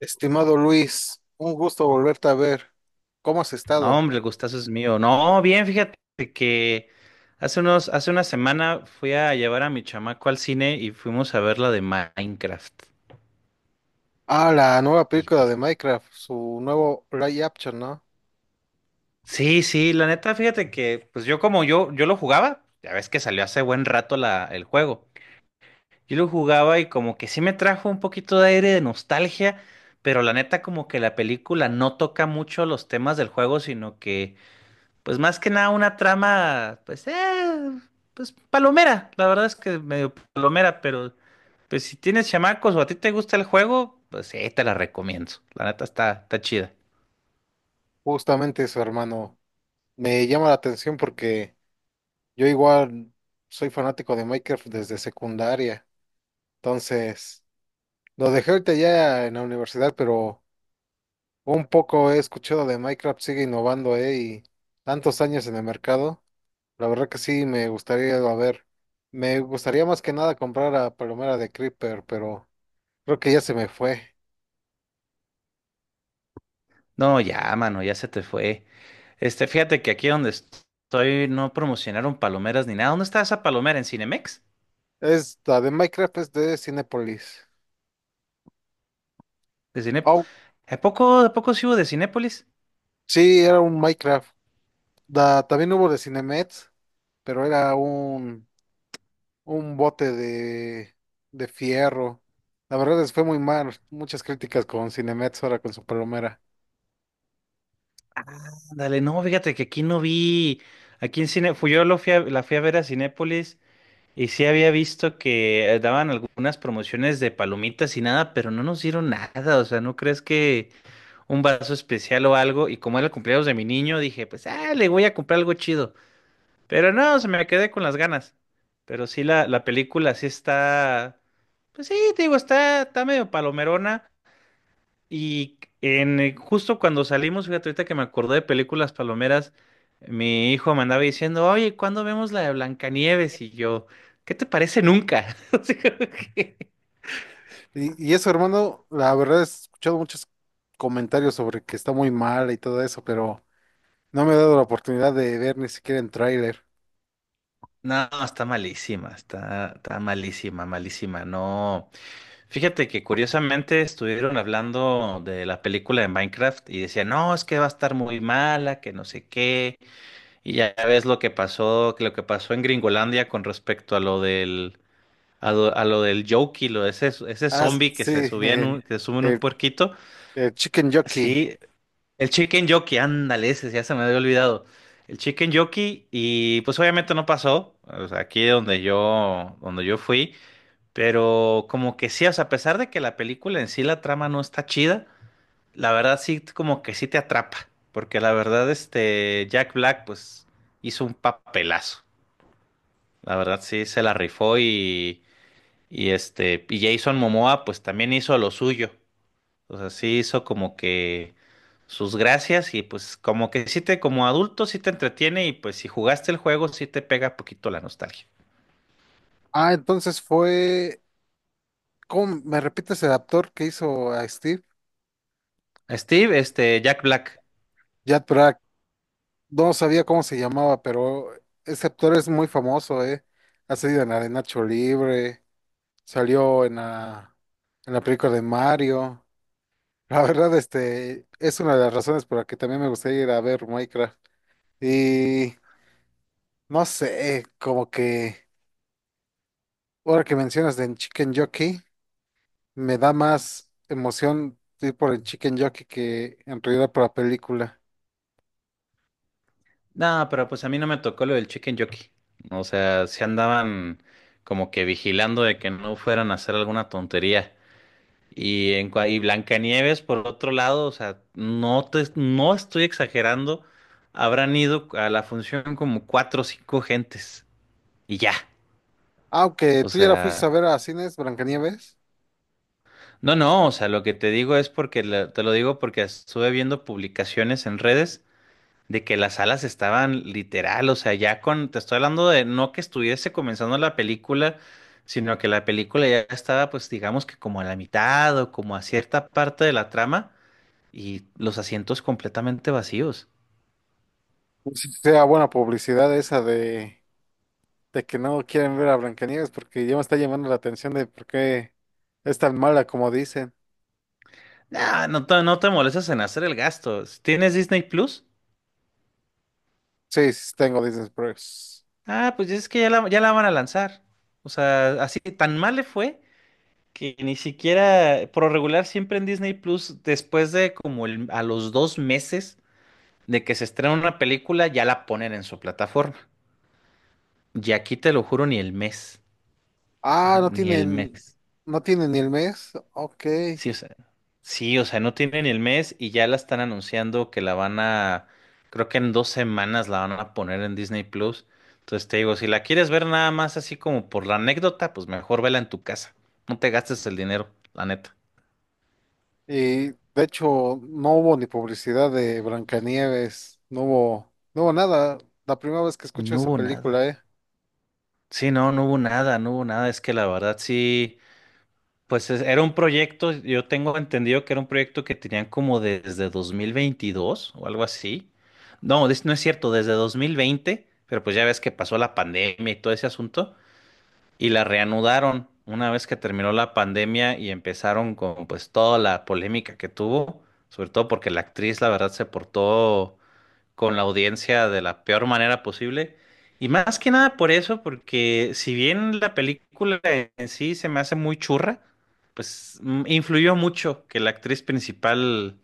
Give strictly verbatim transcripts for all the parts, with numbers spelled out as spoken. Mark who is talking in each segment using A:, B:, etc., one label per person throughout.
A: Estimado Luis, un gusto volverte a ver. ¿Cómo has
B: No,
A: estado?
B: hombre, el gustazo es mío. No, bien, fíjate que hace unos, hace una semana fui a llevar a mi chamaco al cine y fuimos a ver la de Minecraft.
A: Ah, la nueva
B: Y
A: película
B: pues,
A: de Minecraft, su nuevo live action, ¿no?
B: sí, sí, la neta, fíjate que, pues yo como yo, yo lo jugaba, ya ves que salió hace buen rato la, el juego. Yo lo jugaba y como que sí me trajo un poquito de aire de nostalgia, pero la neta como que la película no toca mucho los temas del juego, sino que pues más que nada una trama, pues, eh, pues palomera. La verdad es que medio palomera, pero pues si tienes chamacos o a ti te gusta el juego, pues sí, te la recomiendo. La neta está, está chida.
A: Justamente eso, hermano. Me llama la atención porque yo igual soy fanático de Minecraft desde secundaria. Entonces, lo dejé ahorita ya en la universidad, pero un poco he escuchado de Minecraft, sigue innovando, ¿eh? Y tantos años en el mercado. La verdad que sí, me gustaría, a ver, me gustaría más que nada comprar a Palomera de Creeper, pero creo que ya se me fue.
B: No, ya, mano, ya se te fue. Este, fíjate que aquí donde estoy no promocionaron palomeras ni nada. ¿Dónde está esa palomera? ¿En Cinemex?
A: Es la de Minecraft, es de Cinépolis.
B: ¿De Cine...
A: Oh,
B: ¿A poco, a poco sí hubo de Cinépolis?
A: sí, era un Minecraft. Da- también hubo de Cinemex, pero era un, un bote de, de fierro. La verdad les fue muy mal, muchas críticas con Cinemex ahora con su Palomera.
B: Ah, dale, no, fíjate que aquí no vi. Aquí en Cine, fui yo lo fui a- la fui a ver a Cinépolis. Y sí había visto que eh, daban algunas promociones de palomitas y nada, pero no nos dieron nada. O sea, ¿no crees que un vaso especial o algo? Y como era el cumpleaños de mi niño, dije, pues, ah, le voy a comprar algo chido. Pero no, se me quedé con las ganas. Pero sí, la, la película sí está, pues sí, te digo, está, está medio palomerona. Y en, eh, justo cuando salimos, fíjate, ahorita que me acordé de películas palomeras, mi hijo me andaba diciendo, oye, ¿cuándo vemos la de Blancanieves? Y yo, ¿qué te parece nunca? Así como que,
A: Y, y eso, hermano, la verdad he escuchado muchos comentarios sobre que está muy mal y todo eso, pero... No me he dado la oportunidad de ver ni siquiera en tráiler.
B: no, está malísima, está, está malísima, malísima. No, fíjate que curiosamente estuvieron hablando de la película de Minecraft y decían, no, es que va a estar muy mala, que no sé qué. Y ya ves lo que pasó, que lo que pasó en Gringolandia con respecto a lo del A lo, a lo del Yoki, lo ese, ese
A: Ah,
B: zombie que
A: sí,
B: se subía en
A: el,
B: un, que se sube en un
A: el-
B: puerquito.
A: el Chicken Jockey.
B: Sí, el Chicken Yoki, ándale, ese ya se me había olvidado. El Chicken Yoki, y pues obviamente no pasó. O sea, aquí donde yo, donde yo fui. Pero como que sí, o sea, a pesar de que la película en sí, la trama no está chida, la verdad sí, como que sí te atrapa. Porque la verdad, este, Jack Black, pues, hizo un papelazo. La verdad sí, se la rifó. Y. Y este, y Jason Momoa pues también hizo lo suyo. O sea, sí hizo como que sus gracias y pues como que sí te, como adulto sí te entretiene y pues si jugaste el juego sí te pega poquito la nostalgia.
A: Ah, entonces fue. ¿Cómo me repites el actor que hizo a Steve?
B: Steve, este, Jack Black.
A: Jack Black. No sabía cómo se llamaba, pero ese actor es muy famoso, ¿eh? Ha salido en la de Nacho Libre, salió en la, en la película de Mario. La verdad, este, es una de las razones por la que también me gustaría ir a ver Minecraft. Y no sé, como que. Ahora que mencionas del Chicken Jockey, me da más emoción ir por el Chicken Jockey que en realidad por la película.
B: No, pero pues a mí no me tocó lo del Chicken Jockey. O sea, se andaban como que vigilando de que no fueran a hacer alguna tontería. Y en cua- y Blancanieves, por otro lado, o sea, no te, no estoy exagerando, habrán ido a la función como cuatro o cinco gentes y ya.
A: Aunque
B: O
A: tú ya la fuiste a
B: sea,
A: ver a cines, Blancanieves,
B: no, no, o sea, lo que te digo es porque la- te lo digo porque estuve viendo publicaciones en redes de que las salas estaban literal, o sea, ya con, te estoy hablando de no que estuviese comenzando la película, sino que la película ya estaba, pues digamos que como a la mitad o como a cierta parte de la trama y los asientos completamente vacíos.
A: no si sea buena publicidad esa de, de que no quieren ver a Blancanieves porque ya me está llamando la atención de por qué es tan mala como dicen.
B: Nah, no te, no te molestas en hacer el gasto. ¿Si tienes Disney Plus?
A: Sí, sí tengo Disney Plus.
B: Ah, pues es que ya la, ya la van a lanzar. O sea, así tan mal le fue que ni siquiera, por lo regular, siempre en Disney Plus, después de como el- a los dos meses de que se estrena una película, ya la ponen en su plataforma. Y aquí te lo juro, ni el mes. O
A: Ah,
B: sea,
A: no
B: ni el
A: tienen,
B: mes.
A: no tienen ni el mes. Ok.
B: Sí, o sea, sí, o sea, no tienen el mes y ya la están anunciando que la van a, creo que en dos semanas la van a poner en Disney Plus. Entonces te digo, si la quieres ver nada más así como por la anécdota, pues mejor vela en tu casa. No te gastes el dinero, la neta.
A: Y de hecho, no hubo ni publicidad de Blancanieves, no hubo, no hubo nada. La primera vez que escucho
B: No
A: esa
B: hubo nada.
A: película, ¿eh?
B: Sí, no, no hubo nada, no hubo nada. Es que la verdad sí. Pues es- era un proyecto, yo tengo entendido que era un proyecto que tenían como desde dos mil veintidós o algo así. No, des- no es cierto, desde dos mil veinte. Pero pues ya ves que pasó la pandemia y todo ese asunto y la reanudaron una vez que terminó la pandemia y empezaron con pues toda la polémica que tuvo, sobre todo porque la actriz la verdad se portó con la audiencia de la peor manera posible. Y más que nada por eso, porque si bien la película en sí se me hace muy churra, pues mm, influyó mucho que la actriz principal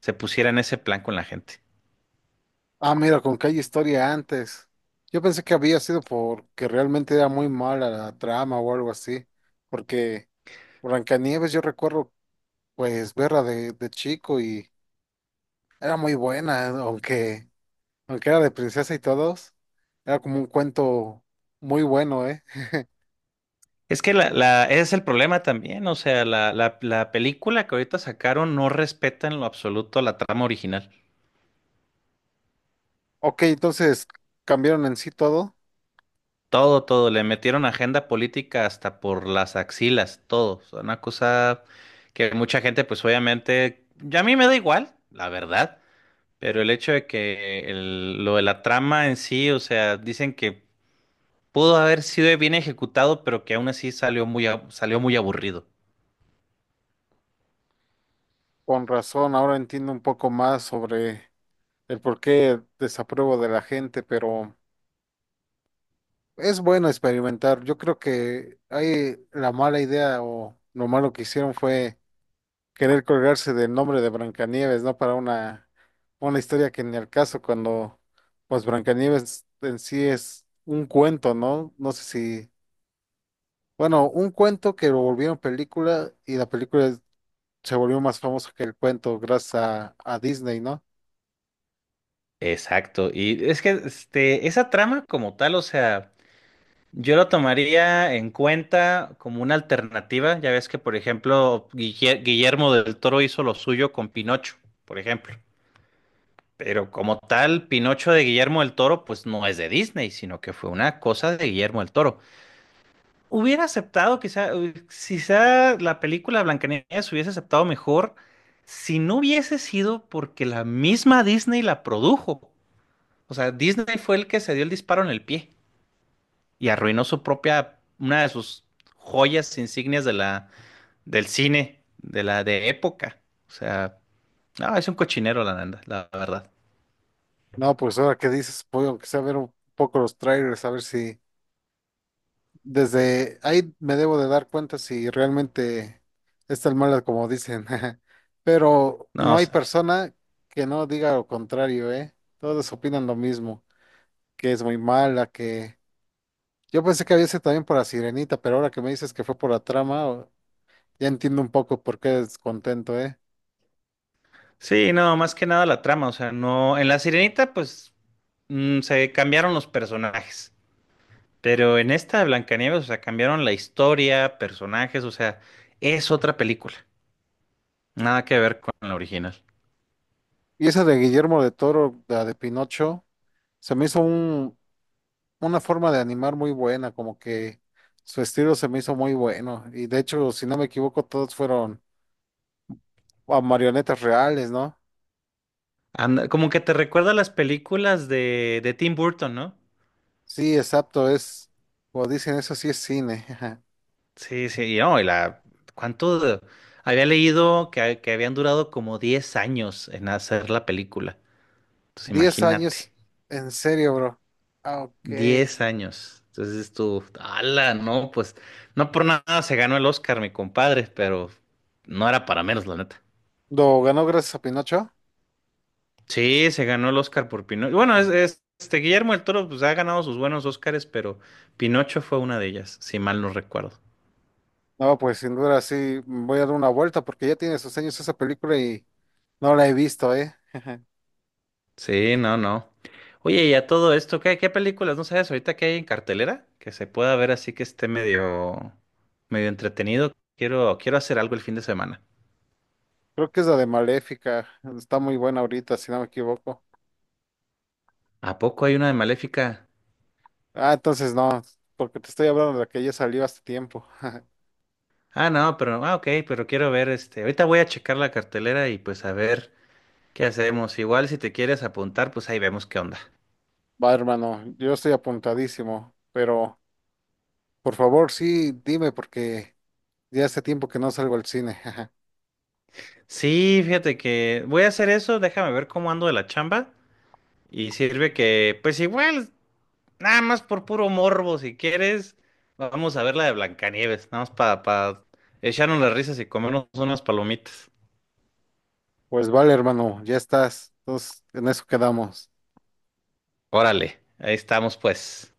B: se pusiera en ese plan con la gente.
A: Ah, mira, con que hay historia antes. Yo pensé que había sido porque realmente era muy mala la trama o algo así. Porque Blancanieves, yo recuerdo, pues, verla de, de chico y era muy buena, aunque, aunque era de princesa y todos. Era como un cuento muy bueno, ¿eh?
B: Es que la, la, ese es el problema también, o sea, la, la, la película que ahorita sacaron no respeta en lo absoluto la trama original.
A: Ok, entonces cambiaron en sí todo.
B: Todo, todo, le metieron agenda política hasta por las axilas, todo. O sea, una cosa que mucha gente, pues obviamente, ya a mí me da igual, la verdad, pero el hecho de que el- lo de la trama en sí, o sea, dicen que pudo haber sido bien ejecutado, pero que aún así salió muy, ab- salió muy aburrido.
A: Con razón, ahora entiendo un poco más sobre el por qué desapruebo de la gente, pero es bueno experimentar. Yo creo que hay la mala idea o lo malo que hicieron fue querer colgarse del nombre de Brancanieves, ¿no? Para una, una historia que ni al caso, cuando pues Brancanieves en sí es un cuento, ¿no? No sé si, bueno, un cuento que lo volvieron película y la película se volvió más famosa que el cuento gracias a, a Disney, ¿no?
B: Exacto, y es que este, esa trama como tal, o sea... Yo lo tomaría en cuenta como una alternativa. Ya ves que, por ejemplo, Guille- Guillermo del Toro hizo lo suyo con Pinocho, por ejemplo. Pero como tal, Pinocho de Guillermo del Toro, pues no es de Disney, sino que fue una cosa de Guillermo del Toro. Hubiera aceptado, quizá, eh, quizá la película Blancanieves hubiese aceptado mejor si no hubiese sido porque la misma Disney la produjo. O sea, Disney fue el que se dio el disparo en el pie y arruinó su propia, una de sus joyas insignias de la, del cine, de la de época. O sea, no, es un cochinero la, nanda- la verdad.
A: No, pues ahora que dices, puedo que sea ver un poco los trailers, a ver si desde ahí me debo de dar cuenta si realmente es tan mala como dicen. Pero
B: No,
A: no hay
B: s-
A: persona que no diga lo contrario, ¿eh? Todos opinan lo mismo, que es muy mala, que yo pensé que había sido también por la Sirenita, pero ahora que me dices que fue por la trama, o- ya entiendo un poco por qué descontento, ¿eh?
B: sí, no, más que nada la trama. O sea, no, en La Sirenita, pues mm, se cambiaron los personajes. Pero en esta de Blancanieves, o sea, cambiaron la historia, personajes, o sea, es otra película. Nada que ver con la original.
A: Y esa de Guillermo de Toro, la de Pinocho, se me hizo un una forma de animar muy buena, como que su estilo se me hizo muy bueno. Y de hecho, si no me equivoco, todos fueron ah, marionetas reales, ¿no?
B: Anda- como que te recuerda a las películas de, de Tim Burton, ¿no?
A: Sí, exacto, es, como dicen, eso sí es cine.
B: Sí, sí, y no, y la, ¿cuánto? de- había leído que, ha- que habían durado como diez años en hacer la película. Entonces,
A: Diez años,
B: imagínate,
A: en serio, bro. Ah, ok.
B: diez años. Entonces tú, ala, no, pues, no por nada se ganó el Oscar, mi compadre, pero no era para menos, la neta.
A: ¿Lo ganó gracias a Pinocho?
B: Sí, se ganó el Oscar por Pinocho. Bueno, es, es- este Guillermo del Toro, pues ha ganado sus buenos Oscars, pero Pinocho fue una de ellas, si mal no recuerdo.
A: No, pues sin duda sí, voy a dar una vuelta porque ya tiene sus años esa película y no la he visto, ¿eh?
B: Sí, no, no. Oye, y a todo esto, ¿qué, ¿qué películas? ¿No sabes ahorita qué hay en cartelera? Que se pueda ver así que esté medio, medio entretenido. Quiero, quiero hacer algo el fin de semana.
A: Creo que es la de Maléfica, está muy buena ahorita, si no me equivoco.
B: ¿A poco hay una de Maléfica?
A: Ah, entonces no, porque te estoy hablando de la que ya salió hace tiempo.
B: Ah, no, pero, ah, ok, pero quiero ver este. Ahorita voy a checar la cartelera y pues a ver qué hacemos. Igual si te quieres apuntar, pues ahí vemos qué onda.
A: Va, hermano, yo estoy apuntadísimo, pero por favor, sí, dime, porque ya hace tiempo que no salgo al cine.
B: Sí, fíjate que voy a hacer eso, déjame ver cómo ando de la chamba. Y sirve que, pues igual. Nada más por puro morbo, si quieres, vamos a ver la de Blancanieves, nada más para echarnos las risas y comernos unas palomitas.
A: Pues vale, hermano, ya estás. Entonces, en eso quedamos.
B: Órale, ahí estamos pues.